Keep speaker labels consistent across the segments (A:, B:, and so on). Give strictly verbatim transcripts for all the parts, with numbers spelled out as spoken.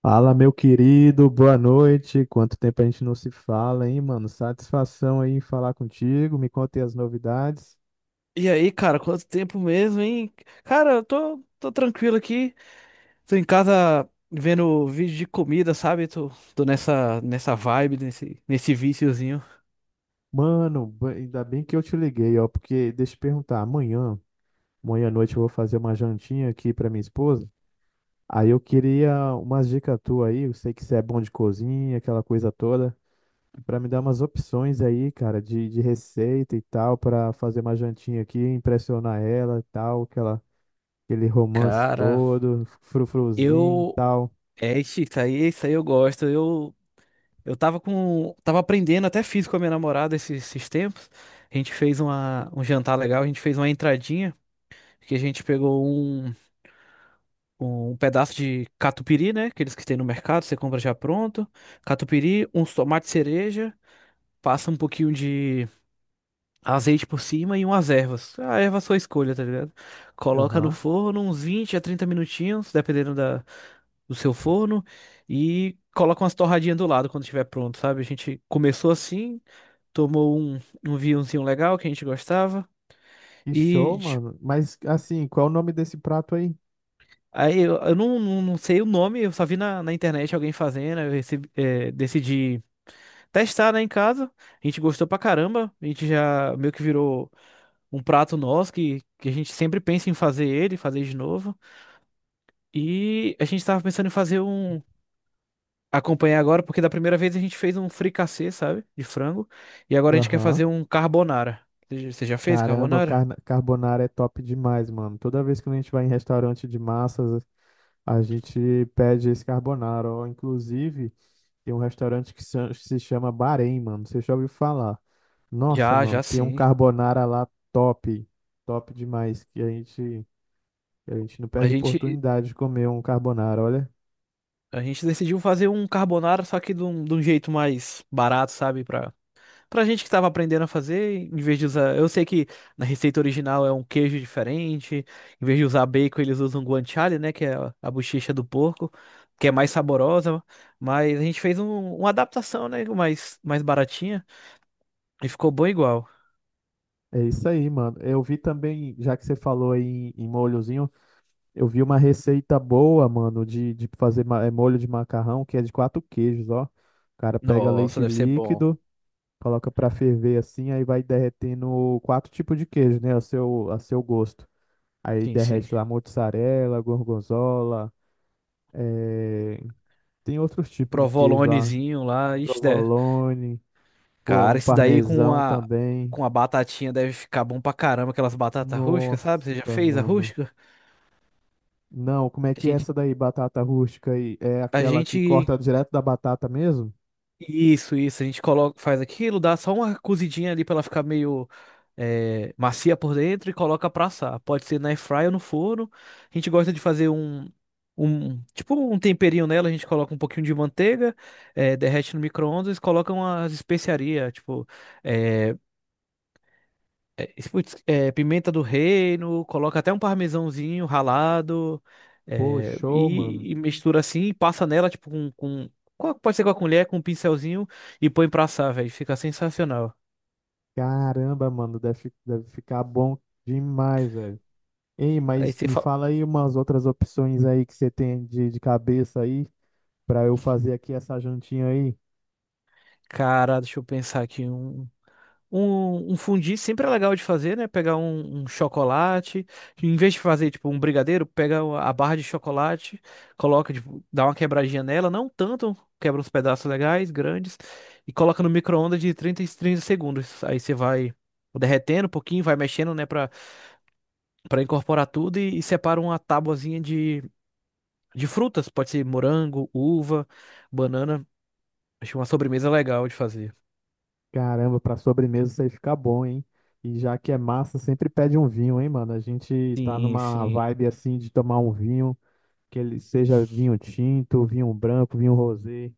A: Fala, meu querido, boa noite. Quanto tempo a gente não se fala, hein, mano? Satisfação aí em falar contigo. Me conta as novidades.
B: E aí, cara, quanto tempo mesmo, hein? Cara, eu tô, tô tranquilo aqui. Tô em casa vendo vídeo de comida, sabe? Tô, tô nessa, nessa vibe, nesse, nesse viciozinho.
A: Mano, ba- ainda bem que eu te liguei, ó, porque deixa eu te perguntar, amanhã, amanhã à noite eu vou fazer uma jantinha aqui pra minha esposa. Aí eu queria umas dicas tuas aí, eu sei que você é bom de cozinha, aquela coisa toda, pra me dar umas opções aí, cara, de, de receita e tal, pra fazer uma jantinha aqui, impressionar ela e tal, que ela aquele romance
B: Cara,
A: todo, frufruzinho e
B: eu.
A: tal.
B: É, ixi, isso aí, isso aí eu gosto. Eu, eu tava com. Tava aprendendo, até fiz com a minha namorada esses, esses tempos. A gente fez uma, um jantar legal, a gente fez uma entradinha, que a gente pegou um. Um pedaço de catupiry, né? Aqueles que tem no mercado, você compra já pronto. Catupiry, uns tomates cereja, passa um pouquinho de azeite por cima e umas ervas. A erva é sua escolha, tá ligado? Coloca no
A: Aham.
B: forno uns vinte a trinta minutinhos, dependendo da, do seu forno, e coloca umas torradinhas do lado quando estiver pronto, sabe? A gente começou assim, tomou um, um vinhozinho legal que a gente gostava
A: Que
B: e
A: show, mano. Mas assim, qual é o nome desse prato aí?
B: Aí eu, eu não, não, não sei o nome, eu só vi na, na internet alguém fazendo, eu recebi, eh, decidi testar, né, em casa. A gente gostou pra caramba. A gente já meio que virou um prato nosso que, que a gente sempre pensa em fazer ele, fazer de novo. E a gente tava pensando em fazer um. Acompanhar agora, porque da primeira vez a gente fez um fricassê, sabe? De frango. E agora a gente quer
A: Aham.
B: fazer um carbonara. Você já você já fez
A: Caramba, o
B: carbonara?
A: carna- carbonara é top demais, mano. Toda vez que a gente vai em restaurante de massas, a gente pede esse carbonara. Ó, inclusive, tem um restaurante que se se chama Bahrein, mano. Você já ouviu falar? Nossa,
B: Já,
A: mano,
B: já
A: tem um
B: sim.
A: carbonara lá top. Top demais. Que a gente a gente não
B: A
A: perde
B: gente,
A: oportunidade de comer um carbonara, olha.
B: a gente decidiu fazer um carbonara, só que de um, de um jeito mais barato, sabe? Pra Pra gente que tava aprendendo a fazer, em vez de usar. Eu sei que na receita original é um queijo diferente. Em vez de usar bacon, eles usam guanciale, né? Que é a a bochecha do porco, que é mais saborosa. Mas a gente fez um- uma adaptação, né? Mais, mais baratinha. E ficou bom igual.
A: É isso aí, mano. Eu vi também, já que você falou aí em, em molhozinho, eu vi uma receita boa, mano, de, de fazer ma- é, molho de macarrão, que é de quatro queijos, ó. O cara pega
B: Nossa,
A: leite
B: deve ser bom.
A: líquido, coloca pra ferver assim, aí vai derretendo quatro tipos de queijo, né? A seu, a seu gosto. Aí
B: Sim, sim.
A: derrete lá mozzarella, gorgonzola, eh, tem outros
B: Um
A: tipos de queijo lá.
B: provolonezinho lá. Ixi, deve-
A: Provolone, pô,
B: Cara,
A: um
B: isso daí com
A: parmesão
B: a,
A: também.
B: com a batatinha deve ficar bom pra caramba. Aquelas batatas rústicas, sabe? Você já
A: Nossa,
B: fez a
A: mano.
B: rústica?
A: Não, como é
B: A
A: que é
B: gente.
A: essa daí, batata rústica aí? É
B: A
A: aquela que
B: gente
A: corta direto da batata mesmo?
B: Isso, isso. A gente coloca, faz aquilo, dá só uma cozidinha ali pra ela ficar meio é, macia por dentro e coloca pra assar. Pode ser na air fryer ou no forno. A gente gosta de fazer um, um tipo um temperinho nela. A gente coloca um pouquinho de manteiga, é, derrete no micro-ondas, coloca umas especiarias, tipo eh, é, putz, é, pimenta do reino, coloca até um parmesãozinho ralado
A: Pô,
B: é,
A: show, mano.
B: e, e mistura assim, e passa nela, tipo, com, com- com a- pode ser com a colher, com um pincelzinho e põe pra assar, velho. Fica sensacional.
A: Caramba, mano, deve, fi- deve ficar bom demais, velho. Ei,
B: Aí
A: mas
B: você
A: me
B: fala,
A: fala aí umas outras opções aí que você tem de, de cabeça aí, pra eu fazer aqui essa jantinha aí.
B: cara, deixa eu pensar aqui um. Um, um fondue sempre é legal de fazer, né? Pegar um, um chocolate, em vez de fazer tipo um brigadeiro, pega a barra de chocolate, coloca, tipo, dá uma quebradinha nela, não tanto, quebra uns pedaços legais, grandes, e coloca no micro-ondas de trinta e trinta segundos. Aí você vai derretendo um pouquinho, vai mexendo, né, Pra para incorporar tudo e, e separa uma tabuazinha de, de frutas, pode ser morango, uva, banana. Acho uma sobremesa legal de fazer.
A: Caramba, pra sobremesa isso aí fica bom, hein? E já que é massa, sempre pede um vinho, hein, mano? A gente tá
B: Sim,
A: numa
B: sim,
A: vibe assim de tomar um vinho, que ele seja vinho tinto, vinho branco, vinho rosé.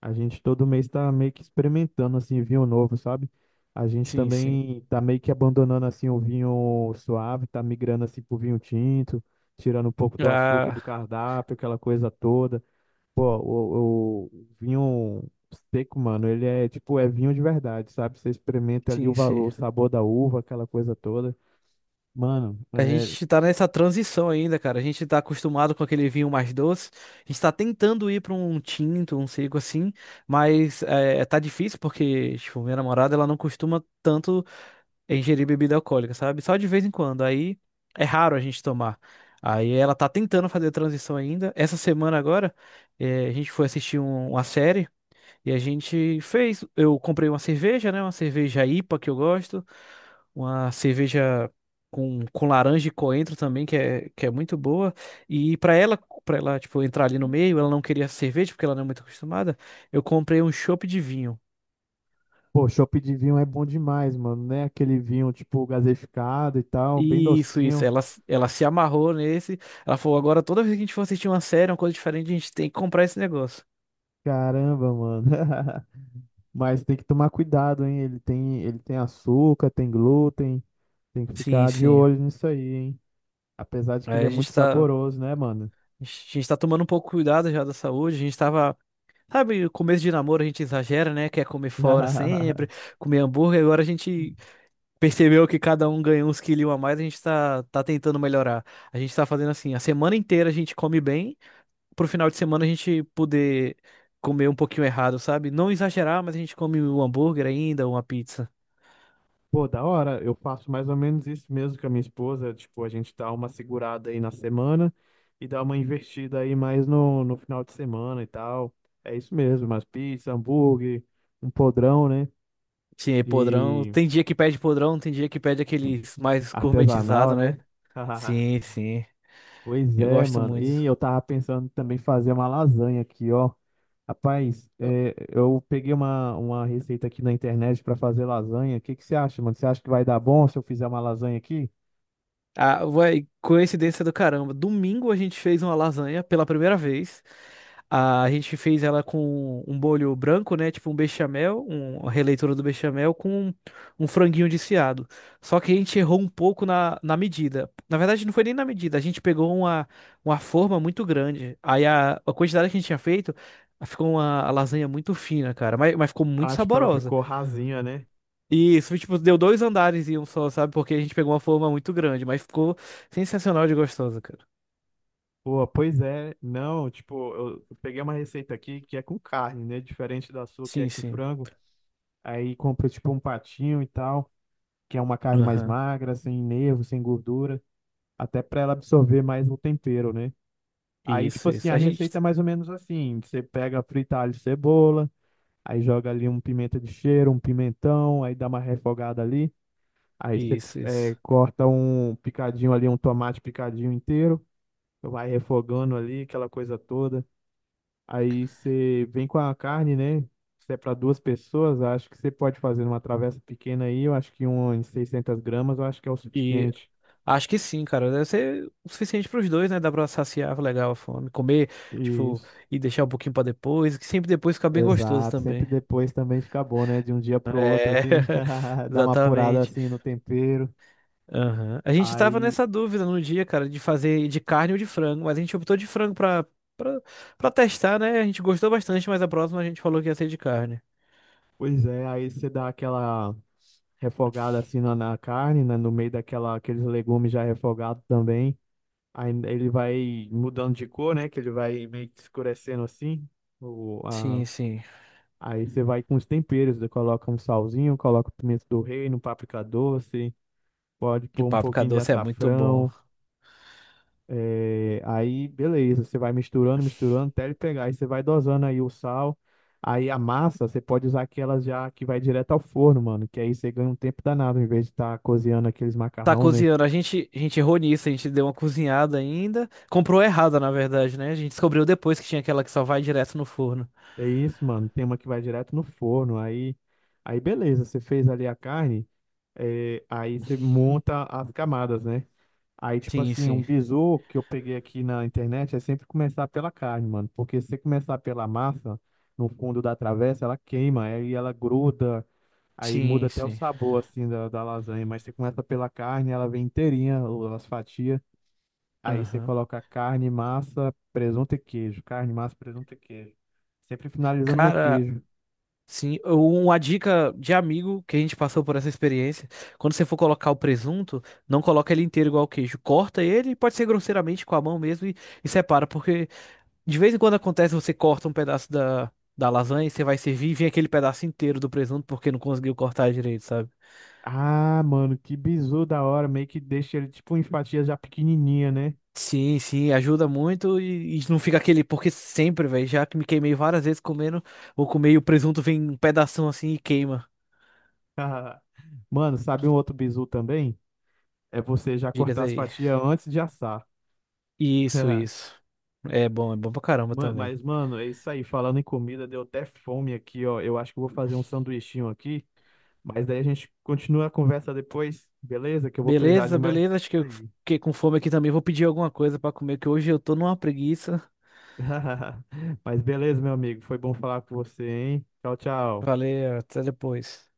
A: A gente todo mês tá meio que experimentando assim vinho novo, sabe? A gente
B: sim, sim.
A: também tá meio que abandonando assim o vinho suave, tá migrando assim pro vinho tinto, tirando um pouco do açúcar do
B: Ah,
A: cardápio, aquela coisa toda. Pô, o, o vinho seco, mano, ele é tipo, é vinho de verdade, sabe? Você experimenta ali o,
B: sim,
A: va-
B: sim.
A: o sabor da uva, aquela coisa toda. Mano,
B: A
A: é,
B: gente tá nessa transição ainda, cara. A gente tá acostumado com aquele vinho mais doce. A gente tá tentando ir pra um tinto, um seco assim, mas é, tá difícil porque, tipo, minha namorada, ela não costuma tanto ingerir bebida alcoólica, sabe? Só de vez em quando. Aí é raro a gente tomar. Aí ela tá tentando fazer a transição ainda. Essa semana agora, é, a gente foi assistir um- uma série. E a gente fez. Eu comprei uma cerveja, né? Uma cerveja I P A que eu gosto. Uma cerveja com, com laranja e coentro também, que é, que é muito boa. E para ela, para ela, tipo, entrar ali no meio, ela não queria cerveja, porque ela não é muito acostumada. Eu comprei um chopp de vinho.
A: pô, chopp de vinho é bom demais, mano, né? Aquele vinho tipo gaseificado e tal, bem
B: Isso, isso.
A: docinho.
B: Ela, s- ela se amarrou nesse. Ela falou: agora toda vez que a gente for assistir uma série, uma coisa diferente, a gente tem que comprar esse negócio.
A: Caramba, mano. Mas tem que tomar cuidado, hein? Ele tem, ele tem açúcar, tem glúten. Tem que
B: Sim,
A: ficar de
B: sim.
A: olho nisso aí, hein? Apesar de que
B: Aí
A: ele é
B: a
A: muito
B: gente tá,
A: saboroso, né, mano?
B: a gente tá tomando um pouco cuidado já da saúde. A gente tava. Sabe, o começo de namoro a gente exagera, né? Quer comer fora sempre, comer hambúrguer. Agora a gente percebeu que cada um ganhou uns quilinhos a mais, a gente tá, tá tentando melhorar. A gente tá fazendo assim, a semana inteira a gente come bem, pro final de semana a gente poder comer um pouquinho errado, sabe? Não exagerar, mas a gente come um hambúrguer ainda, uma pizza.
A: Pô, da hora, eu faço mais ou menos isso mesmo com a minha esposa. Tipo, a gente dá uma segurada aí na semana e dá uma investida aí mais no, no final de semana e tal. É isso mesmo, umas pizza, hambúrguer, um podrão, né?
B: Sim, podrão.
A: E
B: Tem dia que pede podrão, tem dia que pede aqueles mais
A: artesanal,
B: gourmetizados, né?
A: né?
B: Sim, sim.
A: Pois
B: Eu
A: é,
B: gosto
A: mano. E
B: muito.
A: eu tava pensando também fazer uma lasanha aqui, ó. Rapaz, é, eu peguei uma, uma receita aqui na internet pra fazer lasanha. O que que você acha, mano? Você acha que vai dar bom se eu fizer uma lasanha aqui?
B: Ah, ué, coincidência do caramba. Domingo a gente fez uma lasanha pela primeira vez. Ah, a gente fez ela com um bolho branco, né? Tipo um bechamel, um- uma releitura do bechamel com um franguinho desfiado. Só que a gente errou um pouco na, na medida. Na verdade, não foi nem na medida. A gente pegou uma, uma forma muito grande. Aí a, a quantidade que a gente tinha feito ficou uma lasanha muito fina, cara. Mas, mas ficou muito
A: Acho que ela
B: saborosa.
A: ficou rasinha, né?
B: Isso, tipo, deu dois andares e um só, sabe? Porque a gente pegou uma forma muito grande, mas ficou sensacional de gostosa, cara.
A: Pô, pois é. Não, tipo, eu eu peguei uma receita aqui que é com carne, né? Diferente da sua que é
B: Sim,
A: com
B: sim.
A: frango. Aí compra tipo um patinho e tal, que é uma carne mais
B: Aham.
A: magra, sem nervo, sem gordura, até pra ela absorver mais o tempero, né? Aí, tipo
B: Isso,
A: assim,
B: isso.
A: a
B: A gente.
A: receita é mais ou menos assim: você pega, frita alho e cebola, aí joga ali um pimenta de cheiro, um pimentão, aí dá uma refogada ali. Aí você
B: Isso,
A: eh,
B: isso.
A: corta um picadinho ali, um tomate picadinho inteiro, vai refogando ali, aquela coisa toda. Aí você vem com a carne, né? Se é para duas pessoas, acho que você pode fazer uma travessa pequena aí, eu acho que um em seiscentas gramas, eu acho que é o
B: E
A: suficiente.
B: acho que sim, cara. Deve ser o suficiente pros dois, né? Dá pra saciar legal a fome. Comer, tipo,
A: Isso.
B: e deixar um pouquinho pra depois, que sempre depois fica bem gostoso
A: Exato, sempre
B: também.
A: depois também fica bom, né? De um dia pro outro,
B: É,
A: assim, dá uma apurada
B: exatamente.
A: assim no tempero.
B: Aham. A gente tava
A: Aí,
B: nessa dúvida no dia, cara, de fazer de carne ou de frango, mas a gente optou de frango pra, pra, pra testar, né? A gente gostou bastante, mas a próxima a gente falou que ia ser de carne.
A: pois é, aí você dá aquela refogada assim na, na carne, né? No meio daquela, aqueles legumes já refogados também. Aí ele vai mudando de cor, né? Que ele vai meio que escurecendo assim. O,
B: Sim,
A: a...
B: sim.
A: Aí você vai com os temperos, você coloca um salzinho, coloca o pimento do reino, páprica doce, pode
B: E
A: pôr um
B: páprica
A: pouquinho de
B: doce é muito bom.
A: açafrão. É, aí, beleza, você vai misturando, misturando, até ele pegar. Aí você vai dosando aí o sal. Aí a massa, você pode usar aquelas já que vai direto ao forno, mano. Que aí você ganha um tempo danado, em vez de estar cozinhando aqueles
B: Tá
A: macarrão, né?
B: cozinhando, a gente, a gente errou nisso, a gente deu uma cozinhada ainda. Comprou errada, na verdade, né? A gente descobriu depois que tinha aquela que só vai direto no forno.
A: É isso, mano. Tem uma que vai direto no forno. Aí, aí beleza, você fez ali a carne. É, aí você monta as camadas, né? Aí, tipo
B: Sim,
A: assim, um
B: sim.
A: bizu que eu peguei aqui na internet é sempre começar pela carne, mano. Porque se você começar pela massa, no fundo da travessa, ela queima, aí ela gruda, aí muda
B: Sim,
A: até o
B: sim.
A: sabor, assim, da, da lasanha. Mas você começa pela carne, ela vem inteirinha, ou as fatias. Aí você
B: Aham.
A: coloca carne, massa, presunto e queijo. Carne, massa, presunto e queijo. Sempre finalizando no
B: Cara,
A: queijo.
B: Sim, uma dica de amigo que a gente passou por essa experiência. Quando você for colocar o presunto, não coloca ele inteiro igual o queijo. Corta ele, pode ser grosseiramente com a mão mesmo e, e separa, porque de vez em quando acontece você corta um pedaço da, da lasanha e você vai servir e vem aquele pedaço inteiro do presunto porque não conseguiu cortar direito, sabe?
A: Ah, mano, que bizu da hora. Meio que deixa ele, tipo, em fatias já pequenininha, né?
B: Sim, sim, ajuda muito e, e não fica aquele, porque sempre, velho, já que me queimei várias vezes comendo, vou comer e o presunto vem um pedação assim e queima.
A: Mano, sabe um outro bizu também? É você já
B: Dicas
A: cortar as
B: aí.
A: fatias antes de assar.
B: Isso, isso. É bom, é bom pra caramba
A: Ma-
B: também.
A: Mas, mano, é isso aí. Falando em comida, deu até fome aqui, ó. Eu acho que eu vou fazer um sanduichinho aqui. Mas daí a gente continua a conversa depois, beleza? Que eu vou precisar
B: Beleza,
A: de mais
B: beleza.
A: dicas
B: Acho que eu
A: aí.
B: fiquei com fome aqui também. Vou pedir alguma coisa pra comer, que hoje eu tô numa preguiça.
A: Mas beleza, meu amigo. Foi bom falar com você, hein? Tchau, tchau.
B: Valeu, até depois.